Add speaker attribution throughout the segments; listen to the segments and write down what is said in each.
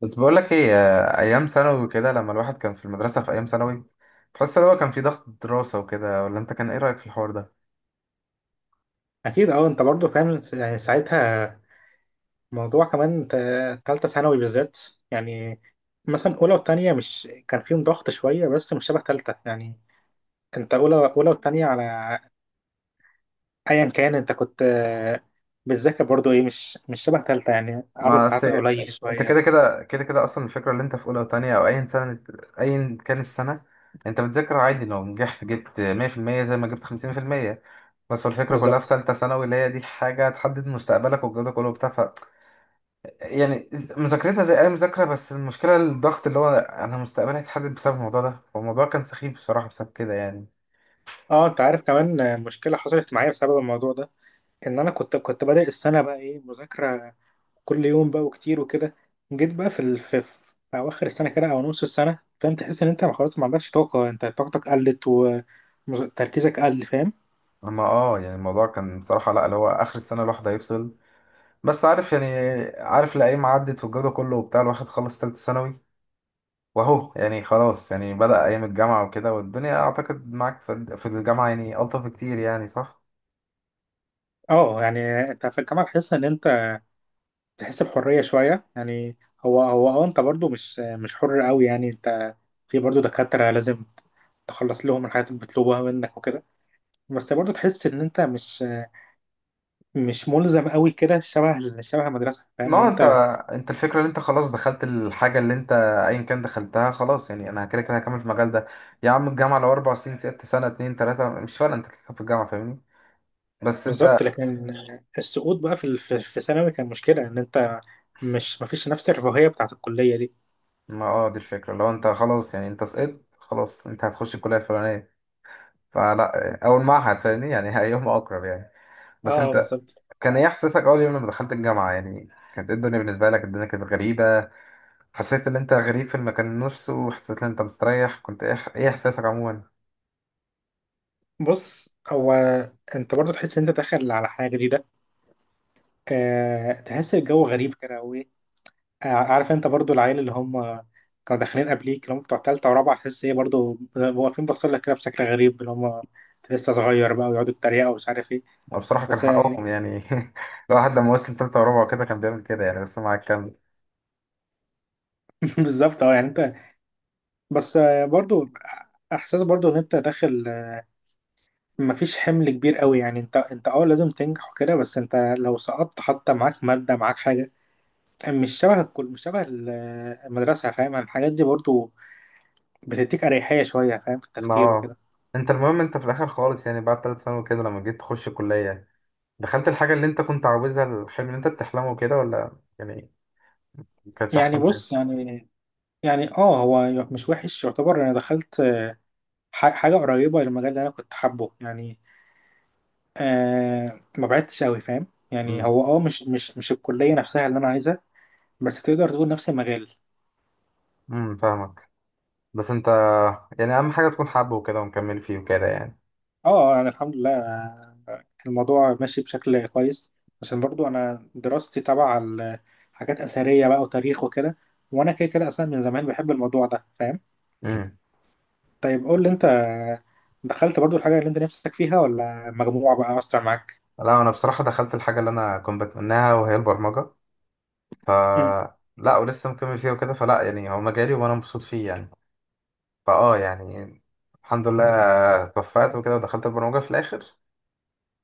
Speaker 1: بس بقول لك ايه ايام ثانوي كده لما الواحد كان في المدرسه في ايام ثانوي، تحس ان هو كان في ضغط دراسه وكده ولا انت كان ايه رايك في الحوار ده؟
Speaker 2: اكيد، اه انت برضو فاهم يعني ساعتها موضوع كمان تالتة ثانوي بالذات. يعني مثلا اولى وتانية مش كان فيهم ضغط شوية، بس مش شبه تالتة يعني. انت اولى وتانية على ايا كان، انت كنت بتذاكر برضو ايه، مش شبه تالتة يعني، عدد
Speaker 1: ما
Speaker 2: ساعات
Speaker 1: اصل
Speaker 2: قليل
Speaker 1: انت
Speaker 2: شوية.
Speaker 1: كده اصلا الفكره اللي انت في اولى وتانية او اي سنه، ايا كان السنه، انت بتذاكر عادي لو نجحت جبت 100% زي ما جبت 50%. بس هو الفكره كلها في
Speaker 2: بالظبط.
Speaker 1: ثالثه ثانوي اللي هي دي حاجه تحدد مستقبلك والجو ده كله وبتاع يعني مذاكرتها زي اي مذاكره، بس المشكله الضغط اللي هو انا مستقبلي هيتحدد بسبب الموضوع ده، فالموضوع كان سخيف بصراحه بسبب كده يعني.
Speaker 2: اه انت عارف كمان مشكلة حصلت معايا بسبب الموضوع ده، ان انا كنت بادئ السنة بقى ايه مذاكرة كل يوم بقى وكتير وكده. جيت بقى في اواخر السنه كده او نص السنه، فاهم؟ تحس ان انت خلاص ما عندكش طاقه، انت طاقتك قلت وتركيزك قل، فاهم.
Speaker 1: اما اه يعني الموضوع كان بصراحة لا اللي هو اخر السنة الواحد هيفصل، بس عارف يعني، عارف الايام عدت والجو ده كله وبتاع الواحد خلص تالتة ثانوي واهو يعني خلاص، يعني بدأ ايام الجامعة وكده والدنيا اعتقد معاك في الجامعة يعني الطف كتير يعني، صح؟
Speaker 2: اه يعني انت في الجامعه تحس ان انت تحس بحريه شويه يعني. هو اه انت برضو مش حر قوي يعني، انت في برضو دكاتره لازم تخلص لهم الحاجات المطلوبه منك وكده. بس برضو تحس ان انت مش ملزم قوي كده شبه المدرسه، فاهم
Speaker 1: ما
Speaker 2: يعني
Speaker 1: هو انت
Speaker 2: انت.
Speaker 1: انت الفكرة اللي انت خلاص دخلت الحاجة اللي انت ايا كان دخلتها خلاص، يعني انا كده كده هكمل في المجال ده. يا عم الجامعة لو 4 سنين 6 سنة 2 3 مش فارقة، انت كده كده في الجامعة، فاهمني؟ بس
Speaker 2: بالظبط،
Speaker 1: انت،
Speaker 2: لكن السقوط بقى في ثانوي كان مشكلة، ان انت مش مفيش نفس الرفاهية بتاعت الكلية دي.
Speaker 1: ما اه دي الفكرة لو انت خلاص يعني انت سقطت خلاص انت هتخش الكلية الفلانية، فلا أول معهد فاهمني، يعني أيهما أقرب يعني. بس
Speaker 2: اه
Speaker 1: أنت،
Speaker 2: بالظبط.
Speaker 1: كان إيه إحساسك أول يوم لما دخلت الجامعة يعني؟ كانت إيه الدنيا بالنسبة لك؟ الدنيا كانت غريبة؟ حسيت إن أنت غريب في المكان نفسه؟ حسيت إن أنت مستريح؟ كنت إيه إيه إحساسك عموما؟
Speaker 2: بص، هو انت برضو تحس ان انت داخل على حاجة جديدة. تحس الجو غريب كده وايه. عارف انت برضو العيال اللي هم كانوا داخلين قبليك اللي هم بتوع تالتة ورابعة، تحس ايه برضو واقفين باصين لك كده بشكل غريب، اللي هم انت لسه صغير بقى، ويقعدوا يتريقوا ومش عارف ايه.
Speaker 1: أنا بصراحة كان
Speaker 2: بس يعني
Speaker 1: حقهم يعني الواحد لما وصل تالتة ورابعة وكده كان بيعمل كده يعني، بس مع الكلام.
Speaker 2: بالظبط. اه يعني انت، بس برضو احساس برضو ان انت داخل مفيش حمل كبير قوي يعني، انت اه لازم تنجح وكده، بس انت لو سقطت حتى معاك مادة معاك حاجة مش شبه الكل، مش شبه المدرسة، فاهم. الحاجات دي برضو بتديك أريحية شوية فاهم، في
Speaker 1: ما
Speaker 2: التفكير
Speaker 1: هو
Speaker 2: وكده.
Speaker 1: أنت، المهم أنت في الآخر خالص يعني بعد تالت ثانوي كده لما جيت تخش الكلية، دخلت الحاجة اللي أنت كنت عاوزها، الحلم اللي أنت بتحلمه كده، ولا يعني ما كانتش
Speaker 2: يعني
Speaker 1: أحسن حاجة؟
Speaker 2: بص يعني، يعني اه هو مش وحش يعتبر، انا دخلت حاجة قريبة للمجال اللي انا كنت حابه يعني. ما بعدتش قوي فاهم يعني،
Speaker 1: أمم.
Speaker 2: هو اه مش الكلية نفسها اللي انا عايزها، بس تقدر تقول نفس المجال.
Speaker 1: أمم، فاهمك. بس انت يعني اهم حاجه تكون حابه وكده ومكمل فيه وكده يعني.
Speaker 2: اه يعني الحمد لله، الموضوع ماشي بشكل كويس، عشان برضو انا دراستي تبع حاجات اثريه بقى وتاريخ وكده، وانا كده كده اصلا من زمان بحب الموضوع ده، فاهم.
Speaker 1: امم.
Speaker 2: طيب قول لي انت، دخلت برضو الحاجه اللي انت نفسك فيها ولا مجموعه بقى اثر معاك؟
Speaker 1: لا انا بصراحه دخلت الحاجه اللي انا كنت بتمناها وهي البرمجه. ف-
Speaker 2: مم.
Speaker 1: لا ولسه مكمل فيها وكده، فلا يعني هو مجالي وانا مبسوط فيه يعني، فاه يعني الحمد لله، توفقت وكده ودخلت البرمجه في الاخر.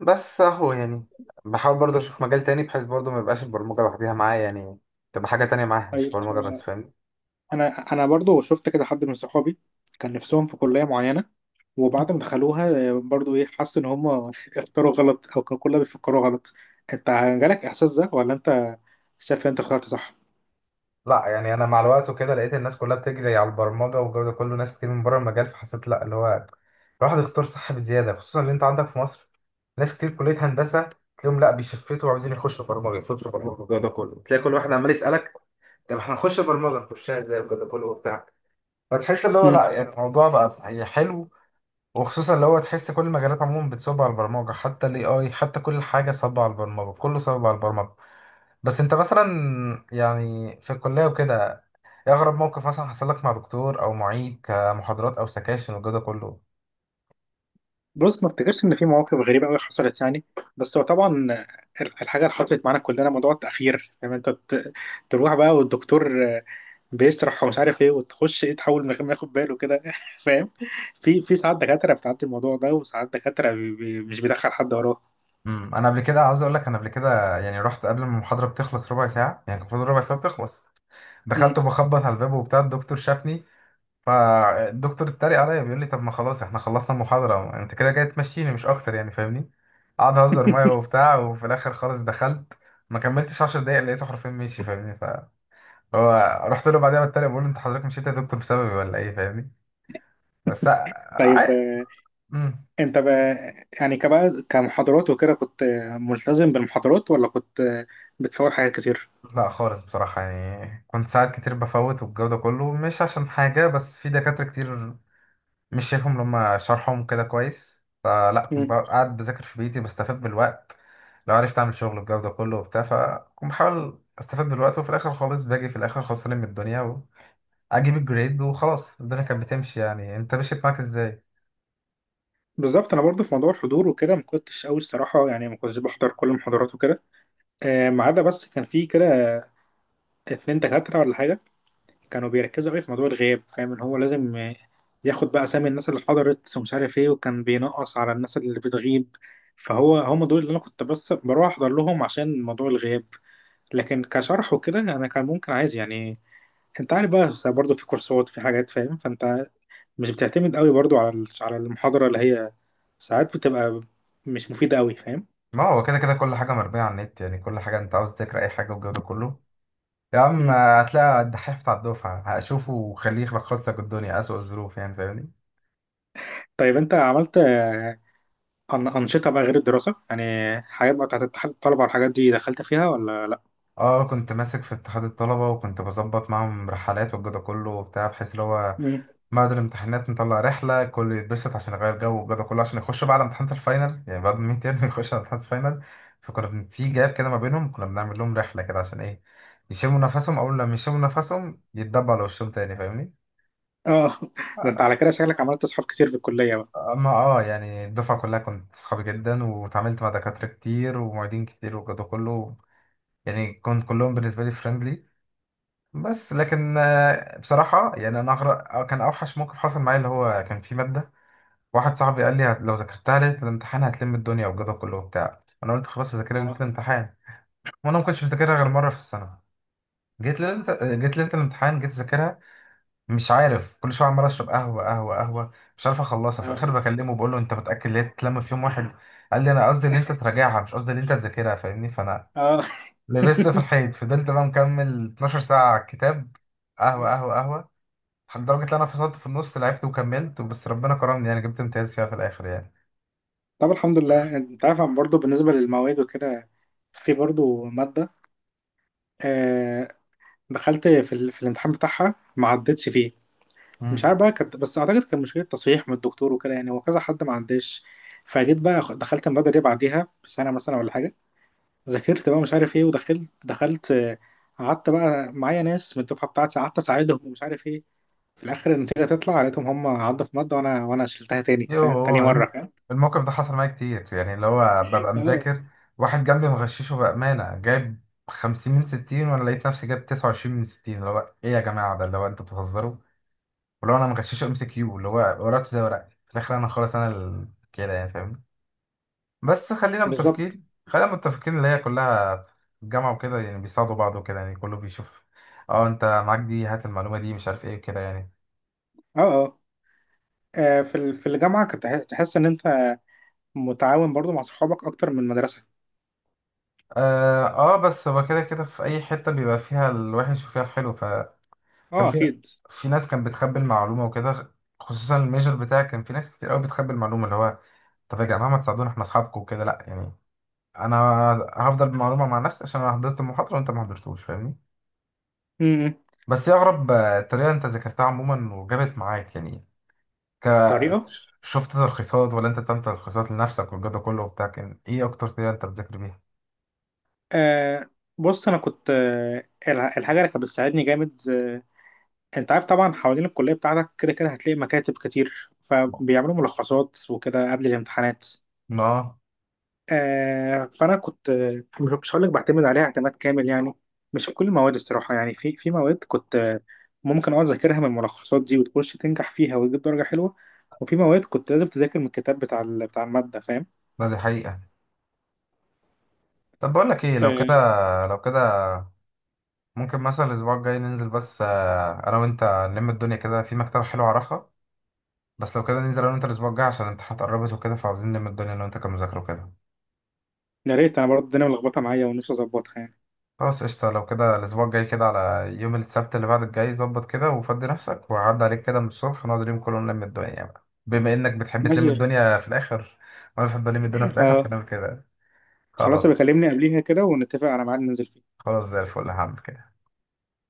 Speaker 1: بس اهو يعني بحاول برضه اشوف مجال تاني بحيث برضه ما يبقاش البرمجه لوحديها معايا يعني، تبقى حاجه تانية معايا مش
Speaker 2: طيب
Speaker 1: برمجه بس، فاهمني؟
Speaker 2: انا انا برضو شفت كده حد من صحابي كان نفسهم في كليه معينه، وبعد ما دخلوها برضو ايه، حس ان هم اختاروا غلط، او كانوا كلها بيفكروا غلط. انت جالك احساس ده، ولا انت شايف ان انت اخترت صح؟
Speaker 1: لا يعني انا مع الوقت وكده لقيت الناس كلها بتجري على البرمجه والجو ده كله، ناس كتير من بره المجال، فحسيت لا اللي هو الواحد اختار صح بزياده، خصوصا ان انت عندك في مصر ناس كتير كليه هندسه تلاقيهم لا بيشفتوا وعايزين يخشوا برمجه، يخشوا برمجه والجو ده كله، تلاقي كل واحد عمال يسالك طب احنا هنخش برمجه نخشها ازاي والجو ده كله وبتاع، فتحس اللي هو لا يعني الموضوع بقى صحيح حلو. وخصوصا اللي هو تحس كل المجالات عموما بتصب على البرمجه، حتى الاي اي، حتى كل حاجه صب على البرمجه، كله صب على البرمجه. بس انت مثلا يعني في الكلية وكده، ايه اغرب موقف مثلا حصل لك مع دكتور او معيد كمحاضرات او سكاشن وكده كله؟
Speaker 2: بص، ما افتكرش ان في مواقف غريبه قوي حصلت يعني، بس هو طبعا الحاجه اللي حصلت معانا كلنا موضوع التاخير، فاهم. انت تروح بقى والدكتور بيشرح ومش عارف ايه، وتخش ايه تحاول من غير ما ياخد باله كده فاهم. في في ساعات دكاتره بتعدي الموضوع ده، وساعات دكاتره مش بيدخل حد وراه.
Speaker 1: امم، انا قبل كده عاوز اقول لك، انا قبل كده يعني رحت قبل ما المحاضرة بتخلص ربع ساعة، يعني كان المفروض ربع ساعة بتخلص، دخلت
Speaker 2: مم.
Speaker 1: بخبط على الباب وبتاع، الدكتور شافني، فالدكتور اتريق عليا بيقول لي طب ما خلاص احنا خلصنا المحاضرة، انت كده جاي تمشيني مش اكتر يعني فاهمني. قعد اهزر معايا وبتاع وفي الاخر خالص دخلت، ما كملتش 10 دقايق لقيته حرفيا ماشي فاهمني. هو رحت له بعدها بتريق بقول له انت حضرتك مشيت يا دكتور بسببي ولا ايه فاهمني. بس
Speaker 2: طيب
Speaker 1: عي... مم.
Speaker 2: انت بقى يعني كبقى كمحاضرات وكده، كنت ملتزم بالمحاضرات، ولا كنت بتفوت حاجات كتير؟
Speaker 1: لا خالص بصراحة يعني كنت ساعات كتير بفوت والجو ده كله، مش عشان حاجة بس في دكاترة كتير مش شايفهم لما شرحهم كده كويس، فلا كنت بقى قاعد بذاكر في بيتي بستفاد بالوقت، لو عرفت اعمل شغل الجو ده كله وبتاع، فكنت بحاول استفاد بالوقت وفي الاخر خالص باجي في الاخر خسران من الدنيا، واجيب الجريد وخلاص الدنيا كانت بتمشي يعني. انت مشيت معاك ازاي؟
Speaker 2: بالظبط. انا برضه في موضوع الحضور وكده ما كنتش قوي الصراحه يعني، ما كنتش بحضر كل المحاضرات وكده. ما عدا بس كان في كده اتنين دكاتره ولا حاجه كانوا بيركزوا قوي في موضوع الغياب، فاهم ان هو لازم ياخد بقى اسامي الناس اللي حضرت ومش عارف ايه، وكان بينقص على الناس اللي بتغيب. فهو هم دول اللي انا كنت بس بروح احضر لهم عشان موضوع الغياب. لكن كشرح وكده انا كان ممكن عايز يعني، انت عارف بقى برضه في كورسات، في حاجات، فاهم. فانت مش بتعتمد قوي برضه على المحاضره، اللي هي ساعات بتبقى مش مفيده قوي، فاهم.
Speaker 1: ما هو كده كده كل حاجة مربية على النت يعني، كل حاجة أنت عاوز تذاكر أي حاجة والجو ده كله، يا عم
Speaker 2: مم.
Speaker 1: هتلاقي الدحيح بتاع الدفعة هشوفه وخليه يلخص لك الدنيا أسوأ الظروف يعني فاهمني.
Speaker 2: طيب انت عملت أنشطة بقى غير الدراسة يعني، حاجات بقى بتاعت اتحاد الطلبة والحاجات دي، دخلت فيها ولا لأ؟
Speaker 1: اه كنت ماسك في اتحاد الطلبة وكنت بظبط معاهم رحلات والجو ده كله وبتاع، بحيث اللي هو
Speaker 2: مم.
Speaker 1: بعد الامتحانات نطلع رحلة كله يتبسط عشان يغير جو والجو ده كله عشان يخش بعد امتحانات الفاينل، يعني بعد 100 ترم يخش على امتحانات الفاينل. في جاب كده ما بينهم كنا بنعمل لهم رحلة كده عشان ايه يشموا نفسهم، أول لما يشموا نفسهم يتدبوا على وشهم تاني فاهمني.
Speaker 2: اه ده انت على كده شكلك عملت أصحاب كتير في الكلية بقى.
Speaker 1: اما اه يعني الدفعه كلها كنت صحابي جدا واتعاملت مع دكاتره كتير ومعيدين كتير وكده كله، يعني كنت كلهم بالنسبه لي فريندلي. بس لكن بصراحه يعني انا أغرق كان اوحش موقف حصل معايا اللي هو كان في ماده، واحد صاحبي قال لي لو ذاكرتها ليله الامتحان هتلم الدنيا وكده كله وبتاع، انا قلت خلاص هذاكرها ليله
Speaker 2: اه،
Speaker 1: الامتحان، وانا ما كنتش بذاكرها غير مره في السنه. جيت ليله جيت ليله الامتحان جيت اذاكرها، مش عارف كل شويه عمال اشرب قهوه قهوه قهوه، مش عارف اخلصها، في الاخر
Speaker 2: اه،
Speaker 1: بكلمه بقول له انت متاكد ان هي تتلم في يوم واحد؟ قال لي انا قصدي ان انت تراجعها مش قصدي ان انت تذاكرها فاهمني، فانا
Speaker 2: اه.
Speaker 1: لبست في الحيط، فضلت بقى مكمل 12 ساعه على الكتاب، قهوه قهوه قهوه، لدرجه ان انا فصلت في النص لعبت وكملت، بس ربنا كرمني يعني جبت امتياز فيها في الاخر يعني.
Speaker 2: طب الحمد لله. انت عارف أنا برضه بالنسبة للمواد وكده، في برضه مادة آه دخلت في, الامتحان بتاعها ما عدتش فيه. مش
Speaker 1: مم.
Speaker 2: عارف بقى كانت، بس أعتقد كان مشكلة تصحيح من الدكتور وكده يعني، وكذا حد ما عداش. فجيت بقى دخلت المادة دي بعديها بسنة مثلا ولا حاجة، ذاكرت بقى مش عارف ايه، ودخلت دخلت آه، قعدت بقى معايا ناس من الدفعه بتاعتي، قعدت اساعدهم ومش عارف ايه. في الاخر النتيجه تطلع لقيتهم هم عدوا في ماده، وانا شلتها تاني
Speaker 1: يوه
Speaker 2: مره،
Speaker 1: الم-
Speaker 2: فاهم.
Speaker 1: الموقف ده حصل معايا كتير، يعني اللي هو ببقى
Speaker 2: اه
Speaker 1: مذاكر واحد جنبي مغششه بأمانة جايب 50 من 60 وأنا لقيت نفسي جايب 29 من 60، اللي هو إيه يا جماعة ده؟ اللي هو أنتوا بتهزروا؟ ولو أنا مغششه ام سي كيو اللي هو ورقته زي ورقتي في الآخر، أنا خلاص كده يعني فاهم. بس خلينا
Speaker 2: بالظبط.
Speaker 1: متفقين، خلينا متفقين اللي هي كلها في الجامعة وكده يعني بيساعدوا بعض وكده يعني، كله بيشوف اه انت معاك دي، هات المعلومة دي مش عارف ايه وكده يعني.
Speaker 2: اه، اه. في في الجامعه كنت تحس ان انت متعاون برضو مع صحابك اكتر من المدرسه.
Speaker 1: اه بس هو كده كده في اي حتة بيبقى فيها الوحش وفيها الحلو. كان
Speaker 2: اه
Speaker 1: في
Speaker 2: اكيد.
Speaker 1: في ناس كانت بتخبي المعلومة وكده، خصوصا الميجر بتاعي كان في ناس كتير قوي بتخبي المعلومة، اللي هو طب يا جماعة ما تساعدونا احنا اصحابكم وكده، لا يعني انا هفضل بالمعلومة مع نفسي عشان انا حضرت المحاضرة وانت ما حضرتوش فاهمني.
Speaker 2: امم.
Speaker 1: بس هي اغرب طريقة انت ذاكرتها عموما وجابت معاك يعني، ك...
Speaker 2: طريقه،
Speaker 1: شفت تلخيصات ولا انت بتعمل تلخيصات لنفسك والجو ده كله وبتاع، كان ايه اكتر طريقة انت بتذاكر بيها؟
Speaker 2: آه بص انا كنت الحاجه اللي كانت بتساعدني جامد، انت عارف طبعا حوالين الكلية بتاعتك كده كده هتلاقي مكاتب كتير
Speaker 1: ما
Speaker 2: فبيعملوا ملخصات وكده قبل الامتحانات.
Speaker 1: اه
Speaker 2: فانا كنت مش هقول لك بعتمد عليها اعتماد كامل يعني، مش في كل المواد الصراحة يعني. في في مواد كنت ممكن اه اذاكرها من الملخصات دي وتخش تنجح فيها وتجيب درجة حلوة، وفي مواد كنت لازم تذاكر من الكتاب بتاع بتاع المادة، فاهم.
Speaker 1: ده دي حقيقة. طب بقول لك ايه لو كده،
Speaker 2: آه
Speaker 1: لو كده ممكن مثلا الأسبوع الجاي ننزل بس أنا وأنت، نلم الدنيا كده في مكتبة حلوة أعرفها. بس لو كده ننزل أنا وأنت الأسبوع الجاي عشان الامتحانات قربت وكده، فعاوزين نلم الدنيا أنا وأنت كمذاكرة وكده.
Speaker 2: يا ريت، انا برضه الدنيا ملخبطة معايا ونفسي اظبطها يعني.
Speaker 1: خلاص قشطة، لو كده الأسبوع الجاي كده على يوم السبت اللي بعد الجاي ظبط كده، وفضي نفسك وعدي عليك كده من الصبح، نقعد اليوم كله نلم الدنيا بقى بما إنك بتحب تلم
Speaker 2: ماشي.
Speaker 1: الدنيا في الآخر، وأنا بحب ألم الدنيا في الآخر،
Speaker 2: آه
Speaker 1: فنعمل كده.
Speaker 2: خلاص.
Speaker 1: خلاص،
Speaker 2: بكلمني قبليها كده ونتفق على ميعاد ننزل فيه.
Speaker 1: خلاص زي الفل، هعمل كده.